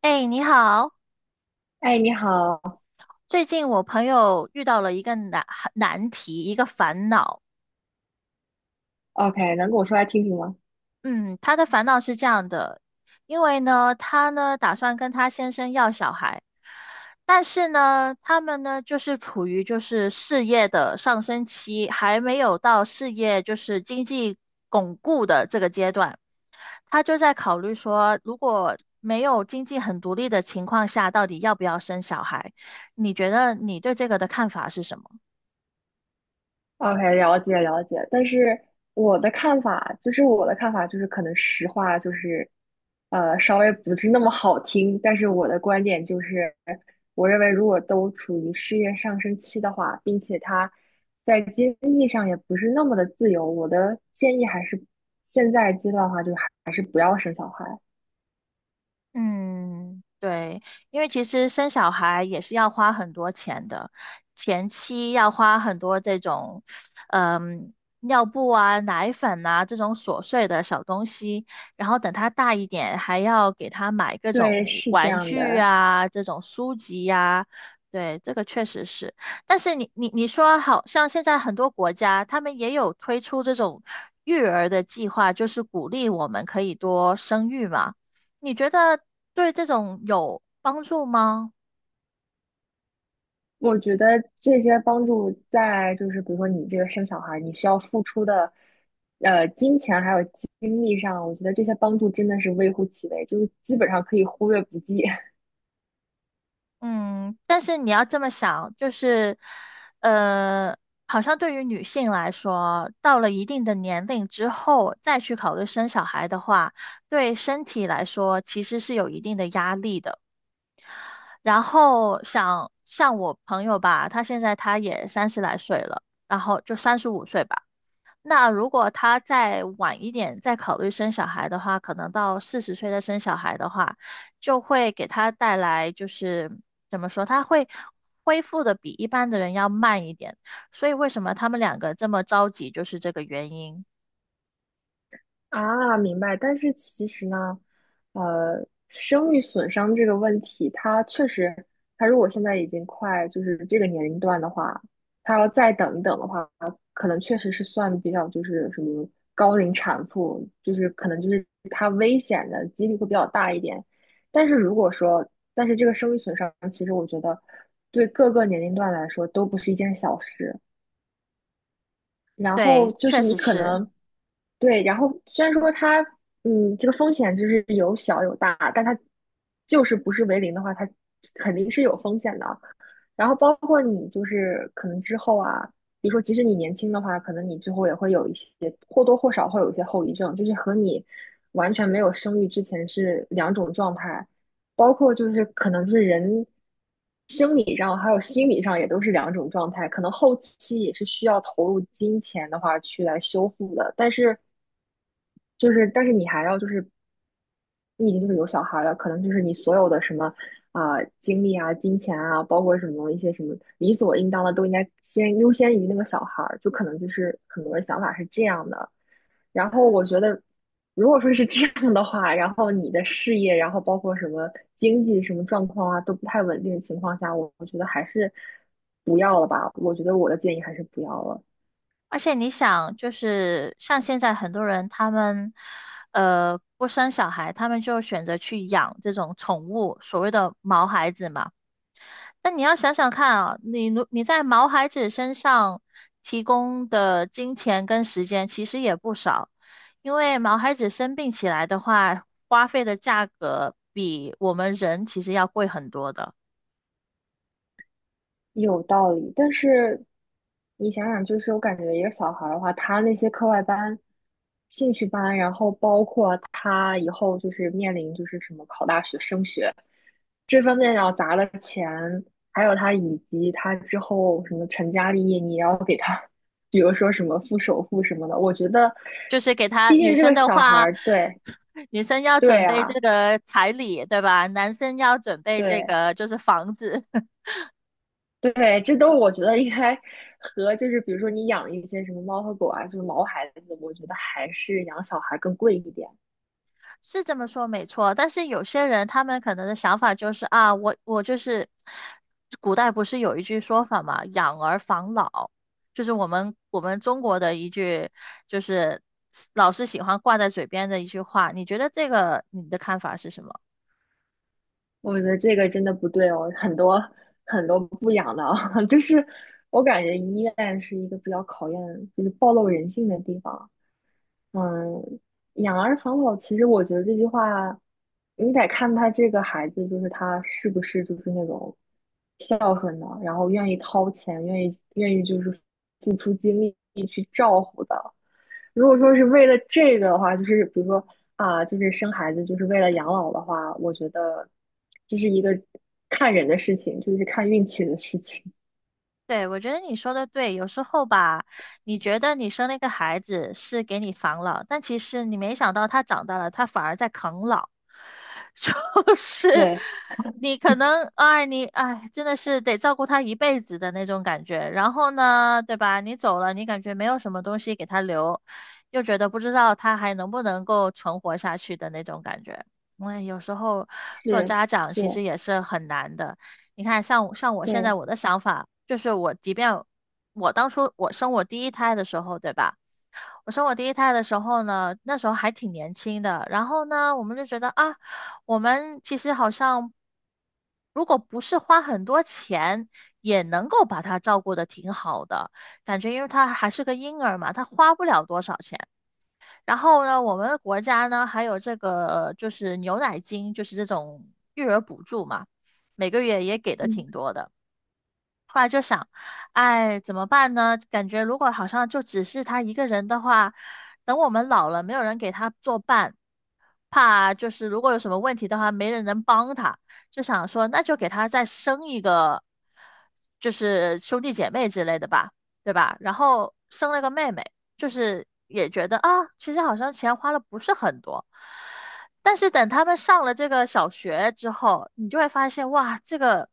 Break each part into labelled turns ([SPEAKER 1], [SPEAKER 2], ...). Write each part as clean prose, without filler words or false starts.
[SPEAKER 1] 哎，你好！
[SPEAKER 2] 哎，你好哦
[SPEAKER 1] 最近我朋友遇到了一个难题，一个烦恼。
[SPEAKER 2] ，OK，能跟我说来听听吗
[SPEAKER 1] 嗯，他的烦恼是这样的，因为呢，他呢打算跟他先生要小孩，但是呢，他们呢就是处于就是事业的上升期，还没有到事业就是经济巩固的这个阶段。他就在考虑说，如果没有经济很独立的情况下，到底要不要生小孩？你觉得你对这个的看法是什么？
[SPEAKER 2] 哦？OK，了解了解，但是我的看法就是可能实话就是，稍微不是那么好听，但是我的观点就是，我认为如果都处于事业上升期的话，并且他在经济上也不是那么的自由，我的建议还是现在阶段的话，就还是不要生小孩。
[SPEAKER 1] 嗯，对，因为其实生小孩也是要花很多钱的，前期要花很多这种，嗯，尿布啊、奶粉啊这种琐碎的小东西，然后等他大一点，还要给他买各
[SPEAKER 2] 对，
[SPEAKER 1] 种
[SPEAKER 2] 是这
[SPEAKER 1] 玩
[SPEAKER 2] 样
[SPEAKER 1] 具
[SPEAKER 2] 的。
[SPEAKER 1] 啊、这种书籍呀、对，这个确实是。但是你说，好像现在很多国家他们也有推出这种育儿的计划，就是鼓励我们可以多生育嘛。你觉得对这种有帮助吗？
[SPEAKER 2] 我觉得这些帮助在就是比如说你这个生小孩儿，你需要付出的，金钱还有精力上，我觉得这些帮助真的是微乎其微，就是基本上可以忽略不计。
[SPEAKER 1] 嗯，但是你要这么想，就是，呃，好像对于女性来说，到了一定的年龄之后再去考虑生小孩的话，对身体来说其实是有一定的压力的。然后想像我朋友吧，她现在她也三十来岁了，然后就三十五岁吧。那如果他再晚一点再考虑生小孩的话，可能到四十岁再生小孩的话，就会给他带来就是怎么说，他会恢复的比一般的人要慢一点。所以为什么他们两个这么着急，就是这个原因。
[SPEAKER 2] 啊，明白。但是其实呢，生育损伤这个问题，它确实，它如果现在已经快就是这个年龄段的话，它要再等一等的话，可能确实是算比较就是什么高龄产妇，就是可能就是它危险的几率会比较大一点。但是如果说，但是这个生育损伤，其实我觉得对各个年龄段来说都不是一件小事。然后
[SPEAKER 1] 对，
[SPEAKER 2] 就
[SPEAKER 1] 确
[SPEAKER 2] 是你
[SPEAKER 1] 实
[SPEAKER 2] 可
[SPEAKER 1] 是。
[SPEAKER 2] 能对，然后虽然说它这个风险就是有小有大，但它就是不是为零的话，它肯定是有风险的。然后包括你就是可能之后啊，比如说即使你年轻的话，可能你之后也会有一些或多或少会有一些后遗症，就是和你完全没有生育之前是两种状态，包括就是可能是人生理上还有心理上也都是两种状态，可能后期也是需要投入金钱的话去来修复的，但是就是，但是你还要就是，你已经就是有小孩了，可能就是你所有的什么啊、精力啊、金钱啊，包括什么一些什么理所应当的，都应该先优先于那个小孩儿。就可能就是很多人想法是这样的。然后我觉得，如果说是这样的话，然后你的事业，然后包括什么经济什么状况啊，都不太稳定的情况下，我觉得还是不要了吧。我觉得我的建议还是不要了。
[SPEAKER 1] 而且你想，就是像现在很多人他们不生小孩，他们就选择去养这种宠物，所谓的毛孩子嘛。但你要想想看啊，你在毛孩子身上提供的金钱跟时间其实也不少，因为毛孩子生病起来的话，花费的价格比我们人其实要贵很多的。
[SPEAKER 2] 有道理，但是你想想，就是我感觉一个小孩儿的话，他那些课外班、兴趣班，然后包括他以后就是面临就是什么考大学、升学这方面要砸的钱，还有他以及他之后什么成家立业，你也要给他，比如说什么付首付什么的，我觉得，
[SPEAKER 1] 就是给他
[SPEAKER 2] 毕
[SPEAKER 1] 女
[SPEAKER 2] 竟这个
[SPEAKER 1] 生的
[SPEAKER 2] 小孩
[SPEAKER 1] 话，
[SPEAKER 2] 儿，对
[SPEAKER 1] 女生要准
[SPEAKER 2] 对
[SPEAKER 1] 备
[SPEAKER 2] 啊，
[SPEAKER 1] 这个彩礼，对吧？男生要准备这
[SPEAKER 2] 对。
[SPEAKER 1] 个就是房子。
[SPEAKER 2] 对，这都我觉得应该和就是比如说你养一些什么猫和狗啊，就是毛孩子，我觉得还是养小孩更贵一点。
[SPEAKER 1] 是这么说没错，但是有些人他们可能的想法就是啊，我就是，古代不是有一句说法嘛，养儿防老，就是我们中国的一句，就是老是喜欢挂在嘴边的一句话。你觉得这个你的看法是什么？
[SPEAKER 2] 我觉得这个真的不对哦，很多很多不养的啊，就是我感觉医院是一个比较考验就是暴露人性的地方。嗯，养儿防老，其实我觉得这句话，你得看他这个孩子，就是他是不是就是那种孝顺的，然后愿意掏钱，愿意就是付出精力，如果说是为了这个的话，就是比如说啊，就是生孩子就是为了养老的话，我觉得这是一个看人的事情，就是看运气的事情。
[SPEAKER 1] 对，我觉得你说的对，有时候吧，你觉得你生了一个孩子是给你防老，但其实你没想到他长大了，他反而在啃老，就是
[SPEAKER 2] 对，
[SPEAKER 1] 你可能，真的是得照顾他一辈子的那种感觉。然后呢，对吧？你走了，你感觉没有什么东西给他留，又觉得不知道他还能不能够存活下去的那种感觉。哎，有时候做
[SPEAKER 2] 是
[SPEAKER 1] 家长其
[SPEAKER 2] 是，
[SPEAKER 1] 实也是很难的。你看，像我现
[SPEAKER 2] 对，
[SPEAKER 1] 在我的想法就是，我即便我当初生我第一胎的时候，对吧？我生我第一胎的时候呢，那时候还挺年轻的。然后呢，我们就觉得啊，我们其实好像如果不是花很多钱，也能够把他照顾的挺好的感觉，因为他还是个婴儿嘛，他花不了多少钱。然后呢，我们的国家呢还有这个就是牛奶金，就是这种育儿补助嘛，每个月也给的
[SPEAKER 2] 嗯，
[SPEAKER 1] 挺多的。后来就想，哎，怎么办呢？感觉如果好像就只是他一个人的话，等我们老了，没有人给他作伴，怕就是如果有什么问题的话，没人能帮他，就想说那就给他再生一个，就是兄弟姐妹之类的吧，对吧？然后生了个妹妹，就是也觉得啊，其实好像钱花了不是很多。但是等他们上了这个小学之后，你就会发现，哇，这个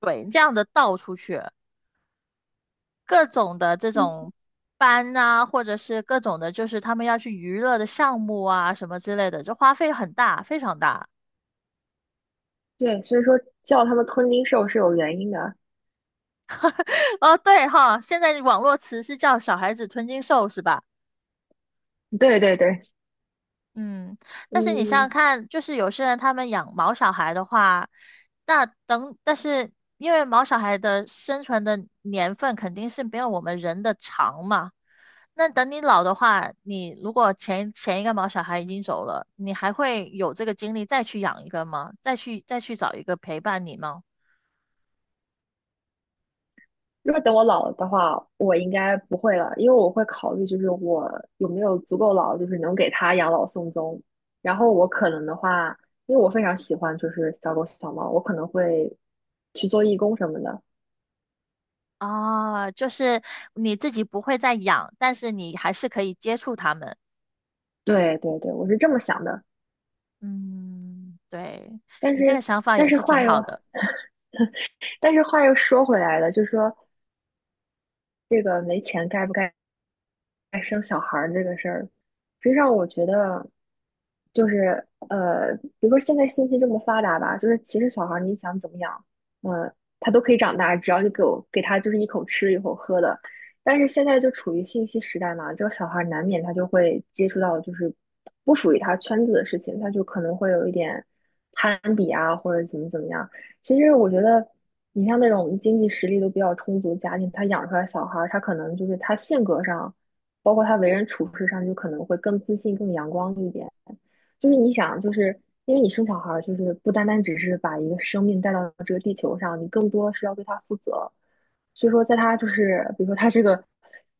[SPEAKER 1] 鬼这样的倒出去。各种的这种
[SPEAKER 2] 嗯，
[SPEAKER 1] 班啊，或者是各种的，就是他们要去娱乐的项目啊，什么之类的，这花费很大，非常大。
[SPEAKER 2] 对，所以说叫他们吞金兽是有原因的。
[SPEAKER 1] 哦，对哈，现在网络词是叫“小孩子吞金兽”是吧？
[SPEAKER 2] 对对对，
[SPEAKER 1] 嗯，但是你想想
[SPEAKER 2] 嗯，
[SPEAKER 1] 看，就是有些人他们养毛小孩的话，那等，但是因为毛小孩的生存的年份肯定是没有我们人的长嘛，那等你老的话，你如果前一个毛小孩已经走了，你还会有这个精力再去养一个吗？再去找一个陪伴你吗？
[SPEAKER 2] 如果等我老了的话，我应该不会了，因为我会考虑，就是我有没有足够老，就是能给他养老送终。然后我可能的话，因为我非常喜欢就是小狗小猫，我可能会去做义工什么的。
[SPEAKER 1] 啊，就是你自己不会再养，但是你还是可以接触他们。
[SPEAKER 2] 对对对，我是这么想的。
[SPEAKER 1] 嗯，对，
[SPEAKER 2] 但
[SPEAKER 1] 你这个
[SPEAKER 2] 是
[SPEAKER 1] 想法
[SPEAKER 2] 但
[SPEAKER 1] 也
[SPEAKER 2] 是
[SPEAKER 1] 是
[SPEAKER 2] 话
[SPEAKER 1] 挺好
[SPEAKER 2] 又
[SPEAKER 1] 的。
[SPEAKER 2] 但是话又说回来了，就是说这个没钱该不该生小孩儿这个事儿，实际上我觉得就是比如说现在信息这么发达吧，就是其实小孩儿你想怎么养，呃，他都可以长大，只要你给他就是一口吃一口喝的。但是现在就处于信息时代嘛，这个小孩儿难免他就会接触到就是不属于他圈子的事情，他就可能会有一点攀比啊，或者怎么怎么样。其实我觉得，你像那种经济实力都比较充足的家庭，他养出来的小孩儿，他可能就是他性格上包括他为人处事上就可能会更自信、更阳光一点。就是你想，就是因为你生小孩儿，就是不单单只是把一个生命带到这个地球上，你更多是要对他负责。所以说，在他就是比如说他这个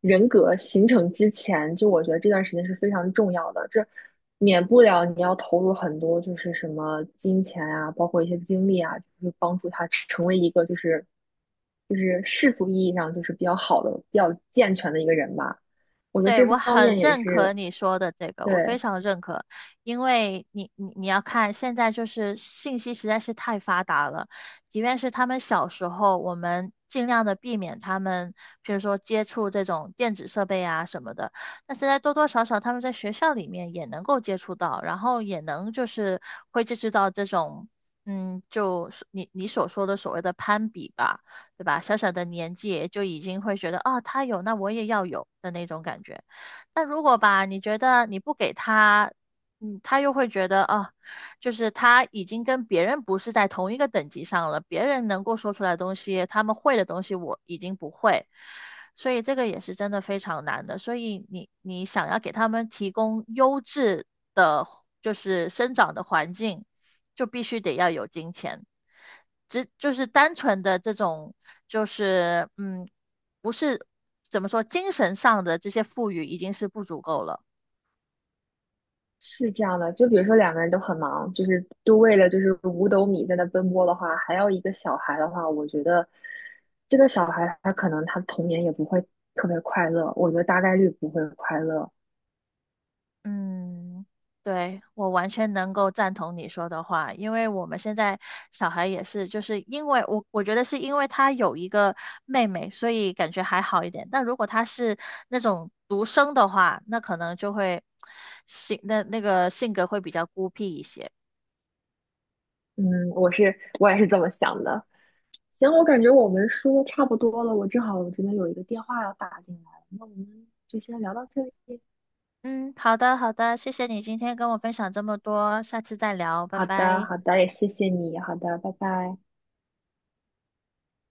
[SPEAKER 2] 人格形成之前，就我觉得这段时间是非常重要的，这免不了你要投入很多，就是什么金钱啊，包括一些精力啊，就是帮助他成为一个就是世俗意义上就是比较好的、比较健全的一个人吧。我觉得
[SPEAKER 1] 对，
[SPEAKER 2] 这
[SPEAKER 1] 我
[SPEAKER 2] 方
[SPEAKER 1] 很
[SPEAKER 2] 面也
[SPEAKER 1] 认可
[SPEAKER 2] 是，
[SPEAKER 1] 你说的这个，
[SPEAKER 2] 对，
[SPEAKER 1] 我非常认可，因为你要看，现在就是信息实在是太发达了，即便是他们小时候，我们尽量的避免他们，比如说接触这种电子设备啊什么的，但现在多多少少他们在学校里面也能够接触到，然后也能就是会接触到这种，嗯，就是你你所说的所谓的攀比吧。对吧？小小的年纪就已经会觉得，啊，他有，那我也要有的那种感觉。但如果吧，你觉得你不给他，嗯，他又会觉得，啊，就是他已经跟别人不是在同一个等级上了，别人能够说出来的东西，他们会的东西，我已经不会。所以这个也是真的非常难的。所以你想要给他们提供优质的，就是生长的环境，就必须得要有金钱。只就是单纯的这种，就是嗯，不是怎么说，精神上的这些富裕已经是不足够了。
[SPEAKER 2] 是这样的。就比如说两个人都很忙，就是都为了就是五斗米在那奔波的话，还要一个小孩的话，我觉得这个小孩他可能他童年也不会特别快乐，我觉得大概率不会快乐。
[SPEAKER 1] 嗯，对，我完全能够赞同你说的话，因为我们现在小孩也是，就是因为我觉得是因为他有一个妹妹，所以感觉还好一点。但如果他是那种独生的话，那可能就会 性那个性格会比较孤僻一些。
[SPEAKER 2] 嗯，我也是这么想的。行，我感觉我们说的差不多了，我正好我这边有一个电话要打进来，那我们就先聊到这里。
[SPEAKER 1] 嗯，好的，好的，谢谢你今天跟我分享这么多，下次再聊，拜
[SPEAKER 2] 好的，
[SPEAKER 1] 拜。
[SPEAKER 2] 好的，也谢谢你。好的，拜拜。